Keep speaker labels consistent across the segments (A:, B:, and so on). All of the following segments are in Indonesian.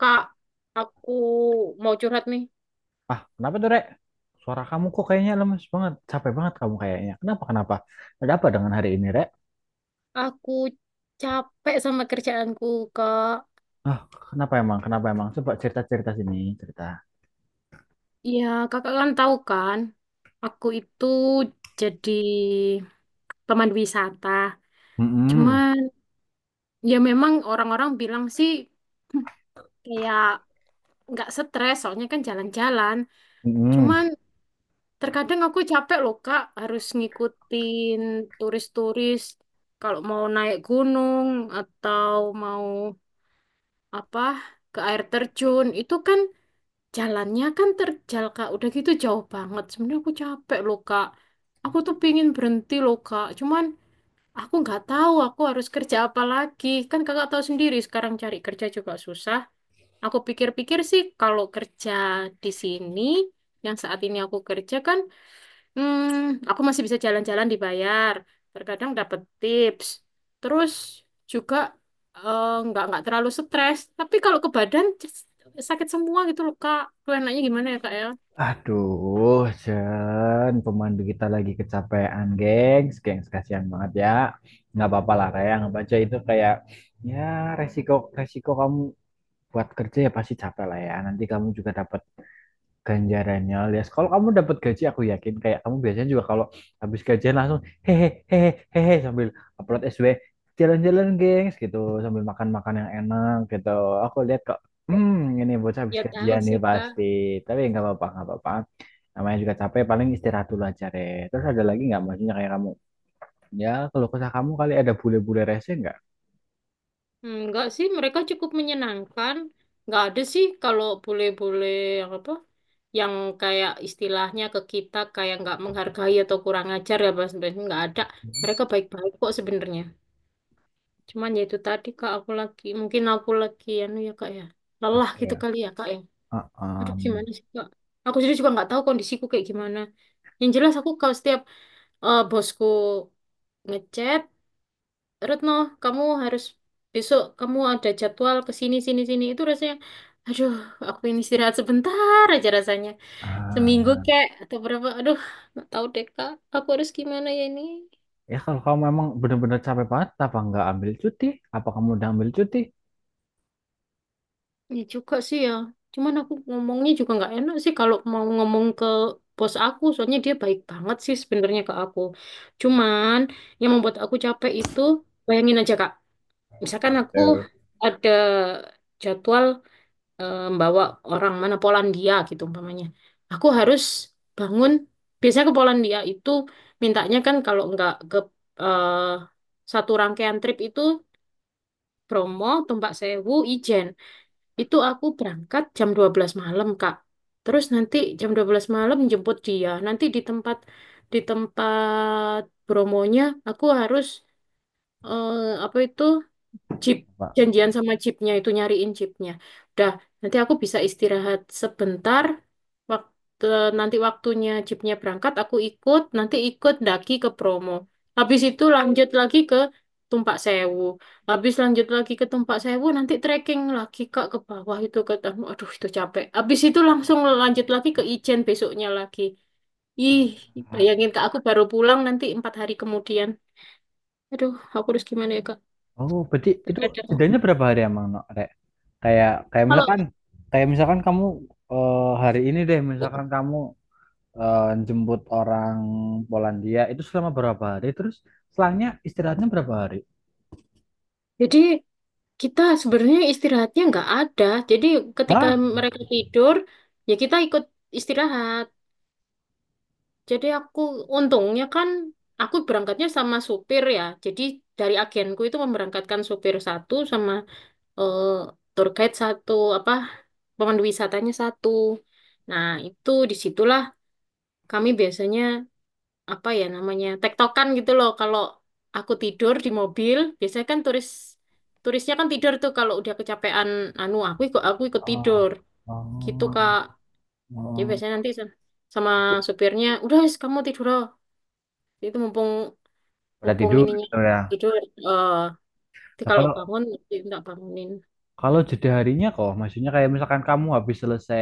A: Kak, aku mau curhat nih.
B: Ah, kenapa tuh, Rek? Suara kamu kok kayaknya lemes banget. Capek banget kamu kayaknya. Kenapa? Ada apa dengan hari ini, Rek?
A: Aku capek sama kerjaanku, Kak.
B: Ah, kenapa emang? Kenapa emang? Coba cerita-cerita sini, cerita.
A: Iya, kakak kan tahu kan, aku itu jadi pemandu wisata.
B: Mm-mm,
A: Cuman, ya memang orang-orang bilang sih kayak nggak stres, soalnya kan jalan-jalan. Cuman,
B: mm-mm.
A: terkadang aku capek loh Kak, harus ngikutin turis-turis kalau mau naik gunung atau mau apa ke air terjun. Itu kan jalannya kan terjal Kak, udah gitu jauh banget. Sebenarnya aku capek loh Kak, aku tuh pingin berhenti loh Kak. Cuman aku nggak tahu aku harus kerja apa lagi, kan kakak tahu sendiri sekarang cari kerja juga susah. Aku pikir-pikir sih kalau kerja di sini yang saat ini aku kerja kan, Hmm, aku masih bisa jalan-jalan dibayar. Terkadang dapat tips. Terus juga nggak terlalu stres. Tapi kalau ke badan sakit semua gitu loh Kak. Tuh enaknya gimana ya Kak ya?
B: Aduh, Jen, pemandu kita lagi kecapean, gengs. Gengs, kasihan banget ya. Nggak apa-apa lah, kayak nggak baca itu kayak, ya resiko resiko kamu buat kerja ya pasti capek lah ya. Nanti kamu juga dapat ganjarannya alias kalau kamu dapat gaji aku yakin kayak kamu biasanya juga kalau habis gajian langsung hehe hehe hehe sambil upload SW jalan-jalan gengs gitu sambil makan-makan yang enak gitu aku lihat kok hmm ini bocah habis
A: Ya tahu
B: gajian nih
A: sih Kak.
B: pasti tapi nggak apa-apa namanya juga capek paling istirahat dulu aja Re. Terus ada lagi nggak maksudnya kayak kamu ya kalau kesah kamu kali ada bule-bule rese nggak
A: Hmm, nggak sih, mereka cukup menyenangkan. Nggak ada sih kalau bule-bule yang apa? Yang kayak istilahnya ke kita kayak nggak menghargai atau kurang ajar ya Mas. Nggak ada. Mereka baik-baik kok sebenarnya. Cuman ya itu tadi Kak, mungkin aku lagi, anu ya Kak ya, lelah
B: capek
A: gitu
B: ya.
A: kali ya Kak ya. Aduh,
B: Uh-um.
A: gimana sih Kak? Aku sendiri juga nggak tahu kondisiku kayak gimana. Yang jelas aku kalau setiap bosku ngechat, "Retno, kamu harus, besok kamu ada jadwal ke sini sini sini," itu rasanya, aduh, aku ini istirahat sebentar aja rasanya. Seminggu
B: Ah.
A: kek atau berapa? Aduh, nggak tahu deh Kak, aku harus gimana ya ini?
B: Ya kalau kamu memang benar-benar capek banget, apa nggak ambil cuti? Apa kamu udah ambil cuti?
A: Ya juga sih ya. Cuman aku ngomongnya juga nggak enak sih kalau mau ngomong ke bos aku, soalnya dia baik banget sih sebenarnya ke aku. Cuman yang membuat aku capek itu, bayangin aja Kak,
B: Nah,
A: misalkan aku
B: betul.
A: ada jadwal membawa orang mana Polandia gitu umpamanya. Aku harus bangun, biasanya ke Polandia itu mintanya kan kalau nggak ke eh, satu rangkaian trip itu Bromo, Tumpak Sewu, Ijen. Itu aku berangkat jam 12 malam, Kak. Terus nanti jam 12 malam jemput dia. Nanti di tempat promonya aku harus apa itu? Chip,
B: Apa?
A: janjian sama chipnya, itu nyariin chipnya. Dah, nanti aku bisa istirahat sebentar. Waktu nanti waktunya chipnya berangkat, aku ikut. Nanti ikut daki ke promo. Habis itu lanjut lagi ke Tumpak Sewu. Habis lanjut lagi ke Tumpak Sewu, nanti trekking lagi Kak ke bawah itu ke Tanu. Aduh, itu capek. Habis itu langsung lanjut lagi ke Ijen besoknya lagi. Ih,
B: Ah.
A: bayangin Kak, aku baru pulang nanti 4 hari kemudian. Aduh, aku harus gimana ya Kak?
B: Oh, berarti itu
A: Terkadang.
B: jedanya berapa hari emang, no, Rek? Kayak
A: Kalau
B: kayak misalkan kamu hari ini deh, misalkan kamu eh, jemput orang Polandia itu selama berapa hari? Terus selangnya istirahatnya berapa hari?
A: Jadi kita sebenarnya istirahatnya nggak ada. Jadi ketika
B: Hah?
A: mereka tidur, ya kita ikut istirahat. Jadi aku, untungnya kan aku berangkatnya sama supir ya. Jadi dari agenku itu memberangkatkan supir satu sama eh, tour guide satu, apa pemandu wisatanya satu. Nah itu disitulah kami biasanya apa ya namanya tektokan gitu loh, kalau aku tidur di mobil biasanya kan turisnya kan tidur tuh kalau udah kecapean, anu aku ikut
B: Oh,
A: tidur
B: oh,
A: gitu Kak.
B: oh.
A: Jadi
B: oh.
A: biasanya nanti sama supirnya udah wis kamu tidur loh, itu mumpung
B: Berarti
A: mumpung
B: tidur
A: ininya
B: gitu ya.
A: tidur, nanti
B: Nah,
A: kalau
B: kalau
A: bangun tidak bangunin.
B: kalau jeda harinya kok, maksudnya kayak misalkan kamu habis selesai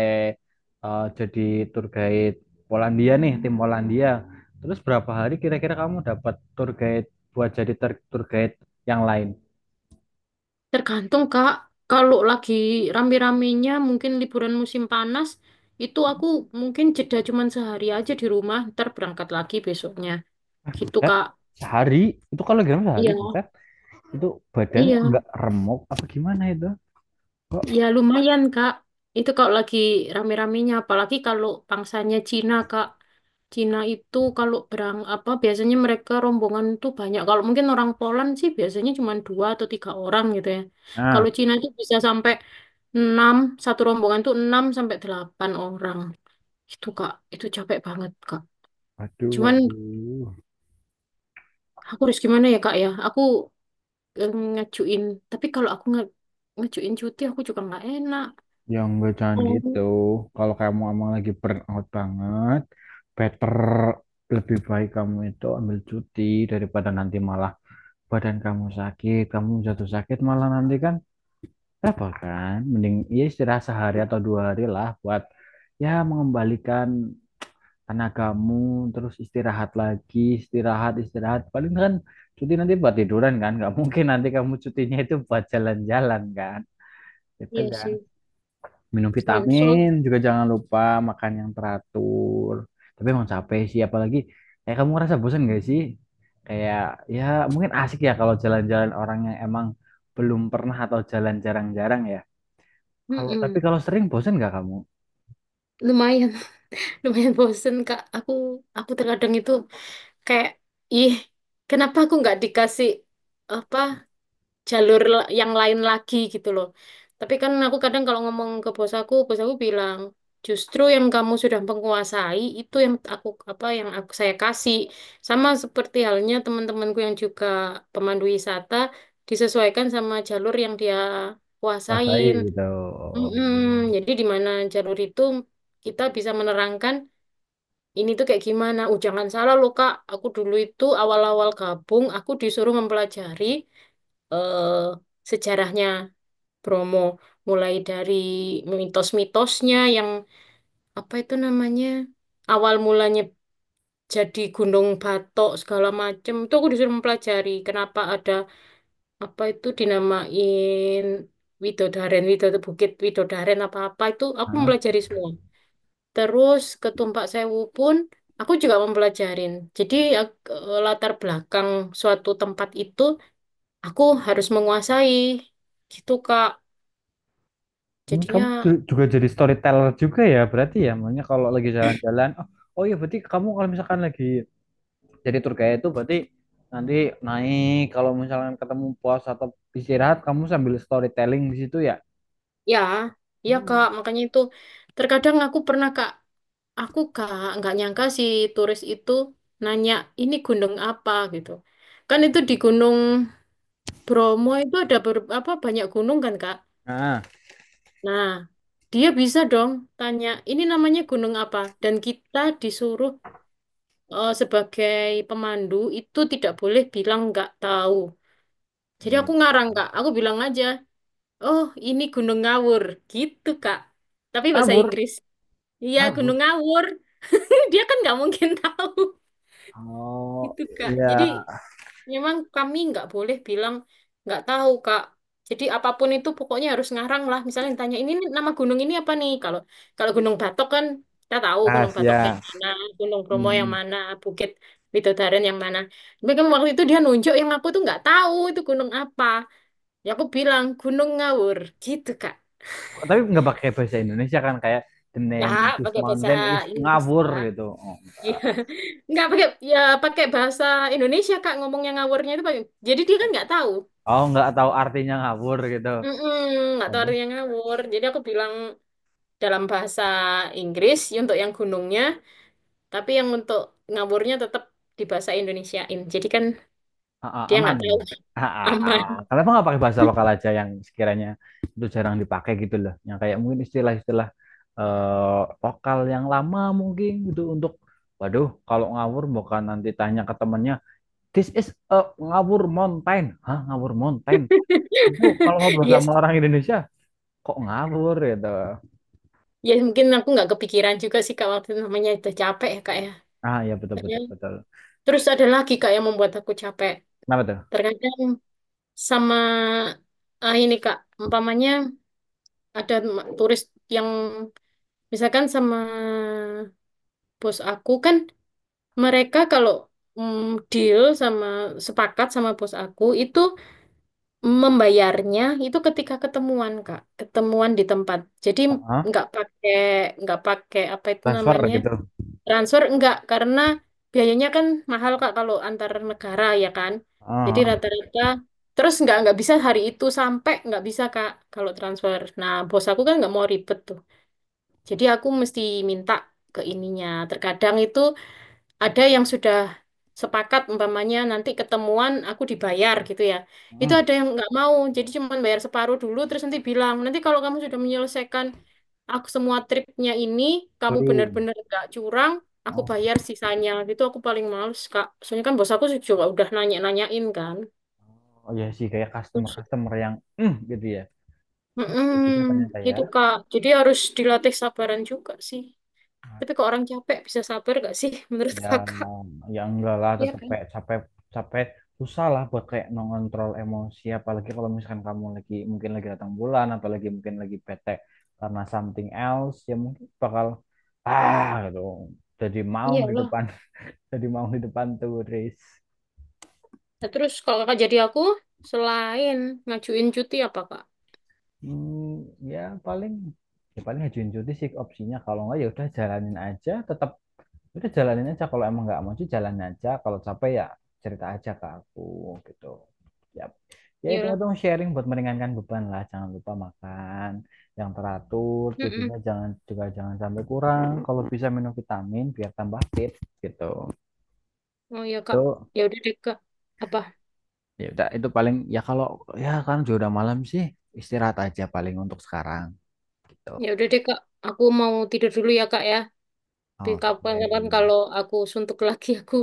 B: jadi tour guide Polandia nih, tim Polandia. Terus berapa hari kira-kira kamu dapat tour guide buat jadi tour guide yang lain?
A: Tergantung Kak, kalau lagi rame-ramenya, mungkin liburan musim panas, itu aku mungkin jeda cuman sehari aja di rumah, ntar berangkat lagi besoknya
B: Eh,
A: gitu
B: buset,
A: Kak.
B: sehari. Itu kalau gimana sehari,
A: Iya,
B: buset. Itu badan
A: iya,
B: nggak remuk apa gimana itu?
A: iya,
B: Kok?
A: lumayan Kak. Itu kalau lagi rame-ramenya, apalagi kalau pangsanya Cina Kak. Cina itu kalau berang apa biasanya mereka rombongan tuh banyak. Kalau mungkin orang Poland sih biasanya cuma dua atau tiga orang gitu ya. Kalau
B: Ah,
A: Cina itu bisa sampai enam, satu rombongan tuh enam sampai delapan orang. Itu Kak, itu capek banget Kak.
B: aduh,
A: Cuman
B: aduh.
A: aku harus gimana ya Kak ya? Aku ngajuin, tapi kalau aku ngajuin cuti aku juga nggak enak.
B: Ya enggak, jangan gitu.
A: Oh,
B: Kalau kamu emang lagi burn out banget, better lebih baik kamu itu ambil cuti daripada nanti malah badan kamu sakit, kamu jatuh sakit malah nanti kan repot kan. Mending ya istirahat sehari atau dua hari lah buat ya mengembalikan tenagamu, terus istirahat lagi, istirahat, istirahat. Paling kan cuti nanti buat tiduran kan, nggak mungkin nanti kamu cutinya itu buat jalan-jalan kan. Itu
A: iya
B: kan
A: sih.
B: minum
A: Soal,
B: vitamin
A: soal,
B: juga jangan lupa makan yang teratur tapi emang capek sih apalagi kayak kamu ngerasa bosan gak sih kayak ya mungkin asik ya kalau jalan-jalan orang yang emang belum pernah atau jalan jarang-jarang ya kalau tapi
A: mm-mm.
B: kalau sering bosan gak kamu.
A: Lumayan, lumayan bosen Kak. Aku terkadang itu kayak, ih, kenapa aku nggak dikasih apa jalur yang lain lagi gitu loh. Tapi kan aku kadang kalau ngomong ke bos aku bilang, justru yang kamu sudah menguasai itu yang aku, apa, yang aku saya kasih. Sama seperti halnya teman-temanku yang juga pemandu wisata, disesuaikan sama jalur yang dia
B: Pasai
A: kuasain.
B: gitu.
A: Mm-mm. Jadi di mana jalur itu kita bisa menerangkan ini tuh kayak gimana. Jangan salah loh Kak, aku dulu itu awal-awal gabung, aku disuruh mempelajari eh, sejarahnya Bromo, mulai dari mitos-mitosnya yang apa itu namanya awal mulanya jadi Gunung Batok segala macem. Itu aku disuruh mempelajari kenapa ada apa itu dinamain Widodaren, Bukit Widodaren, apa-apa itu aku
B: Hah?
A: mempelajari semua. Terus ketumpak sewu pun aku juga mempelajarin. Jadi latar belakang suatu tempat itu aku harus menguasai gitu Kak.
B: Hmm.
A: Jadinya
B: Juga jadi storyteller juga ya berarti ya, makanya kalau lagi jalan-jalan, oh iya berarti kamu kalau misalkan lagi jadi tour guide itu berarti nanti naik kalau misalnya ketemu pos atau istirahat kamu sambil storytelling di situ ya.
A: ya, ya Kak, makanya itu terkadang aku pernah Kak, aku Kak nggak nyangka si turis itu nanya ini gunung apa gitu. Kan itu di Gunung Bromo itu ada ber- apa banyak gunung kan Kak.
B: Nah.
A: Nah, dia bisa dong tanya, ini namanya gunung apa? Dan kita disuruh, sebagai pemandu itu tidak boleh bilang nggak tahu. Jadi
B: Iya.
A: aku ngarang Kak, aku bilang aja, oh ini Gunung Ngawur, gitu Kak. Tapi bahasa
B: Kabur.
A: Inggris. Iya
B: Kabur.
A: Gunung Ngawur, dia kan nggak mungkin tahu
B: Oh
A: itu Kak.
B: iya.
A: Jadi memang kami nggak boleh bilang nggak tahu, Kak. Jadi apapun itu pokoknya harus ngarang lah. Misalnya ditanya ini nih, nama gunung ini apa nih? Kalau kalau Gunung Batok kan kita tahu Gunung Batok yang
B: Rahasia.
A: mana, Gunung Bromo yang
B: Hmm.
A: mana, Bukit Widodaren yang mana. Tapi kan waktu itu dia nunjuk yang aku tuh nggak tahu itu gunung apa. Ya aku bilang Gunung Ngawur gitu, Kak.
B: Tapi nggak pakai bahasa Indonesia kan kayak the
A: Ya,
B: name this
A: pakai bahasa
B: mountain is
A: Inggris,
B: ngabur
A: Kak.
B: gitu.
A: Iya. Nggak pakai, ya pakai bahasa Indonesia, Kak, ngomongnya ngawurnya itu pakai. Jadi dia kan nggak tahu.
B: Oh nggak tahu artinya ngabur gitu.
A: Mm-mm, nggak tahu
B: Berarti
A: artinya ngawur. Jadi aku bilang dalam bahasa Inggris ya untuk yang gunungnya, tapi yang untuk ngawurnya tetap di bahasa Indonesiain. Jadi kan
B: ah, ah,
A: dia
B: aman.
A: nggak tahu.
B: Ah, ah, ah.
A: Aman.
B: Kenapa nggak pakai bahasa lokal aja yang sekiranya itu jarang dipakai gitu loh. Yang kayak mungkin istilah-istilah eh, lokal yang lama mungkin gitu untuk waduh, kalau ngawur bukan nanti tanya ke temennya, this is a ngawur mountain. Hah, ngawur mountain? Itu kalau ngobrol
A: Yes,
B: sama orang Indonesia, kok ngawur gitu.
A: ya mungkin aku nggak kepikiran juga sih Kak waktu itu, namanya udah capek ya Kak ya.
B: Ah, ya betul, betul,
A: Ternyata-
B: betul.
A: Terus ada lagi Kak yang membuat aku capek.
B: Kenapa tuh?
A: Terkadang sama, ah, ini Kak, umpamanya ada turis yang misalkan sama bos aku kan. Mereka kalau mm, deal sama sepakat sama bos aku itu, membayarnya itu ketika ketemuan Kak, ketemuan di tempat. Jadi
B: Ah, ah,
A: nggak pakai nggak pakai apa itu
B: transfer
A: namanya,
B: gitu.
A: transfer nggak, karena biayanya kan mahal Kak kalau antar negara ya kan. Jadi
B: Ah, ah.
A: rata-rata terus nggak bisa hari itu sampai nggak bisa Kak kalau transfer. Nah bos aku kan nggak mau ribet tuh. Jadi aku mesti minta ke ininya. Terkadang itu ada yang sudah sepakat umpamanya nanti ketemuan aku dibayar gitu ya. Itu
B: Hmm,
A: ada yang nggak mau, jadi cuma bayar separuh dulu terus nanti bilang, nanti kalau kamu sudah menyelesaikan aku semua tripnya ini, kamu
B: baru.
A: benar-benar nggak curang, aku
B: Oh.
A: bayar sisanya. Itu aku paling males, Kak. Soalnya kan bos aku juga udah nanya-nanyain kan.
B: Oh iya sih kayak
A: Terus,
B: customer-customer yang "Mm," gitu ya. Kayak gitu
A: mm
B: ternyata ya.
A: itu Kak. Jadi harus dilatih sabaran juga sih. Tapi kok orang capek bisa sabar gak sih menurut
B: Ya
A: Kakak?
B: ya enggak lah
A: Iya
B: tetap
A: kan?
B: kayak capek capek susah lah buat kayak mengontrol emosi apalagi kalau misalkan kamu lagi mungkin lagi datang bulan atau lagi mungkin lagi bete karena something else ya mungkin bakal ah gitu. Jadi maung di
A: Iyalah.
B: depan jadi maung di depan turis.
A: Nah, terus kalau kakak jadi aku, selain ngajuin cuti apa Kak?
B: Hmm, ya paling ya paling ajuin cuti sih opsinya kalau enggak ya udah jalanin aja tetap. Udah jalanin aja kalau emang nggak mau sih jalan aja. Kalau capek ya cerita aja ke aku gitu. Ya, ya
A: Iyalah.
B: hitung-hitung sharing buat meringankan beban lah. Jangan lupa makan yang teratur, tidurnya
A: Mm-mm.
B: jangan juga jangan sampai kurang. Kalau bisa minum vitamin biar tambah fit gitu.
A: Oh ya Kak.
B: Itu
A: Ya udah deh Kak. Apa?
B: ya udah itu paling ya kalau ya kan juga udah malam sih istirahat aja paling untuk sekarang gitu.
A: Ya udah deh Kak. Aku mau tidur dulu ya Kak ya. Tapi kapan-kapan
B: Oke.
A: kalau aku suntuk lagi, aku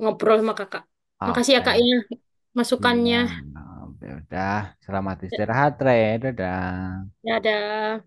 A: ngobrol sama kakak. Makasih ya Kak
B: Oke.
A: ya masukannya.
B: Siang. Ya udah, selamat
A: Ya,
B: istirahat, Re. Dadah.
A: dadah.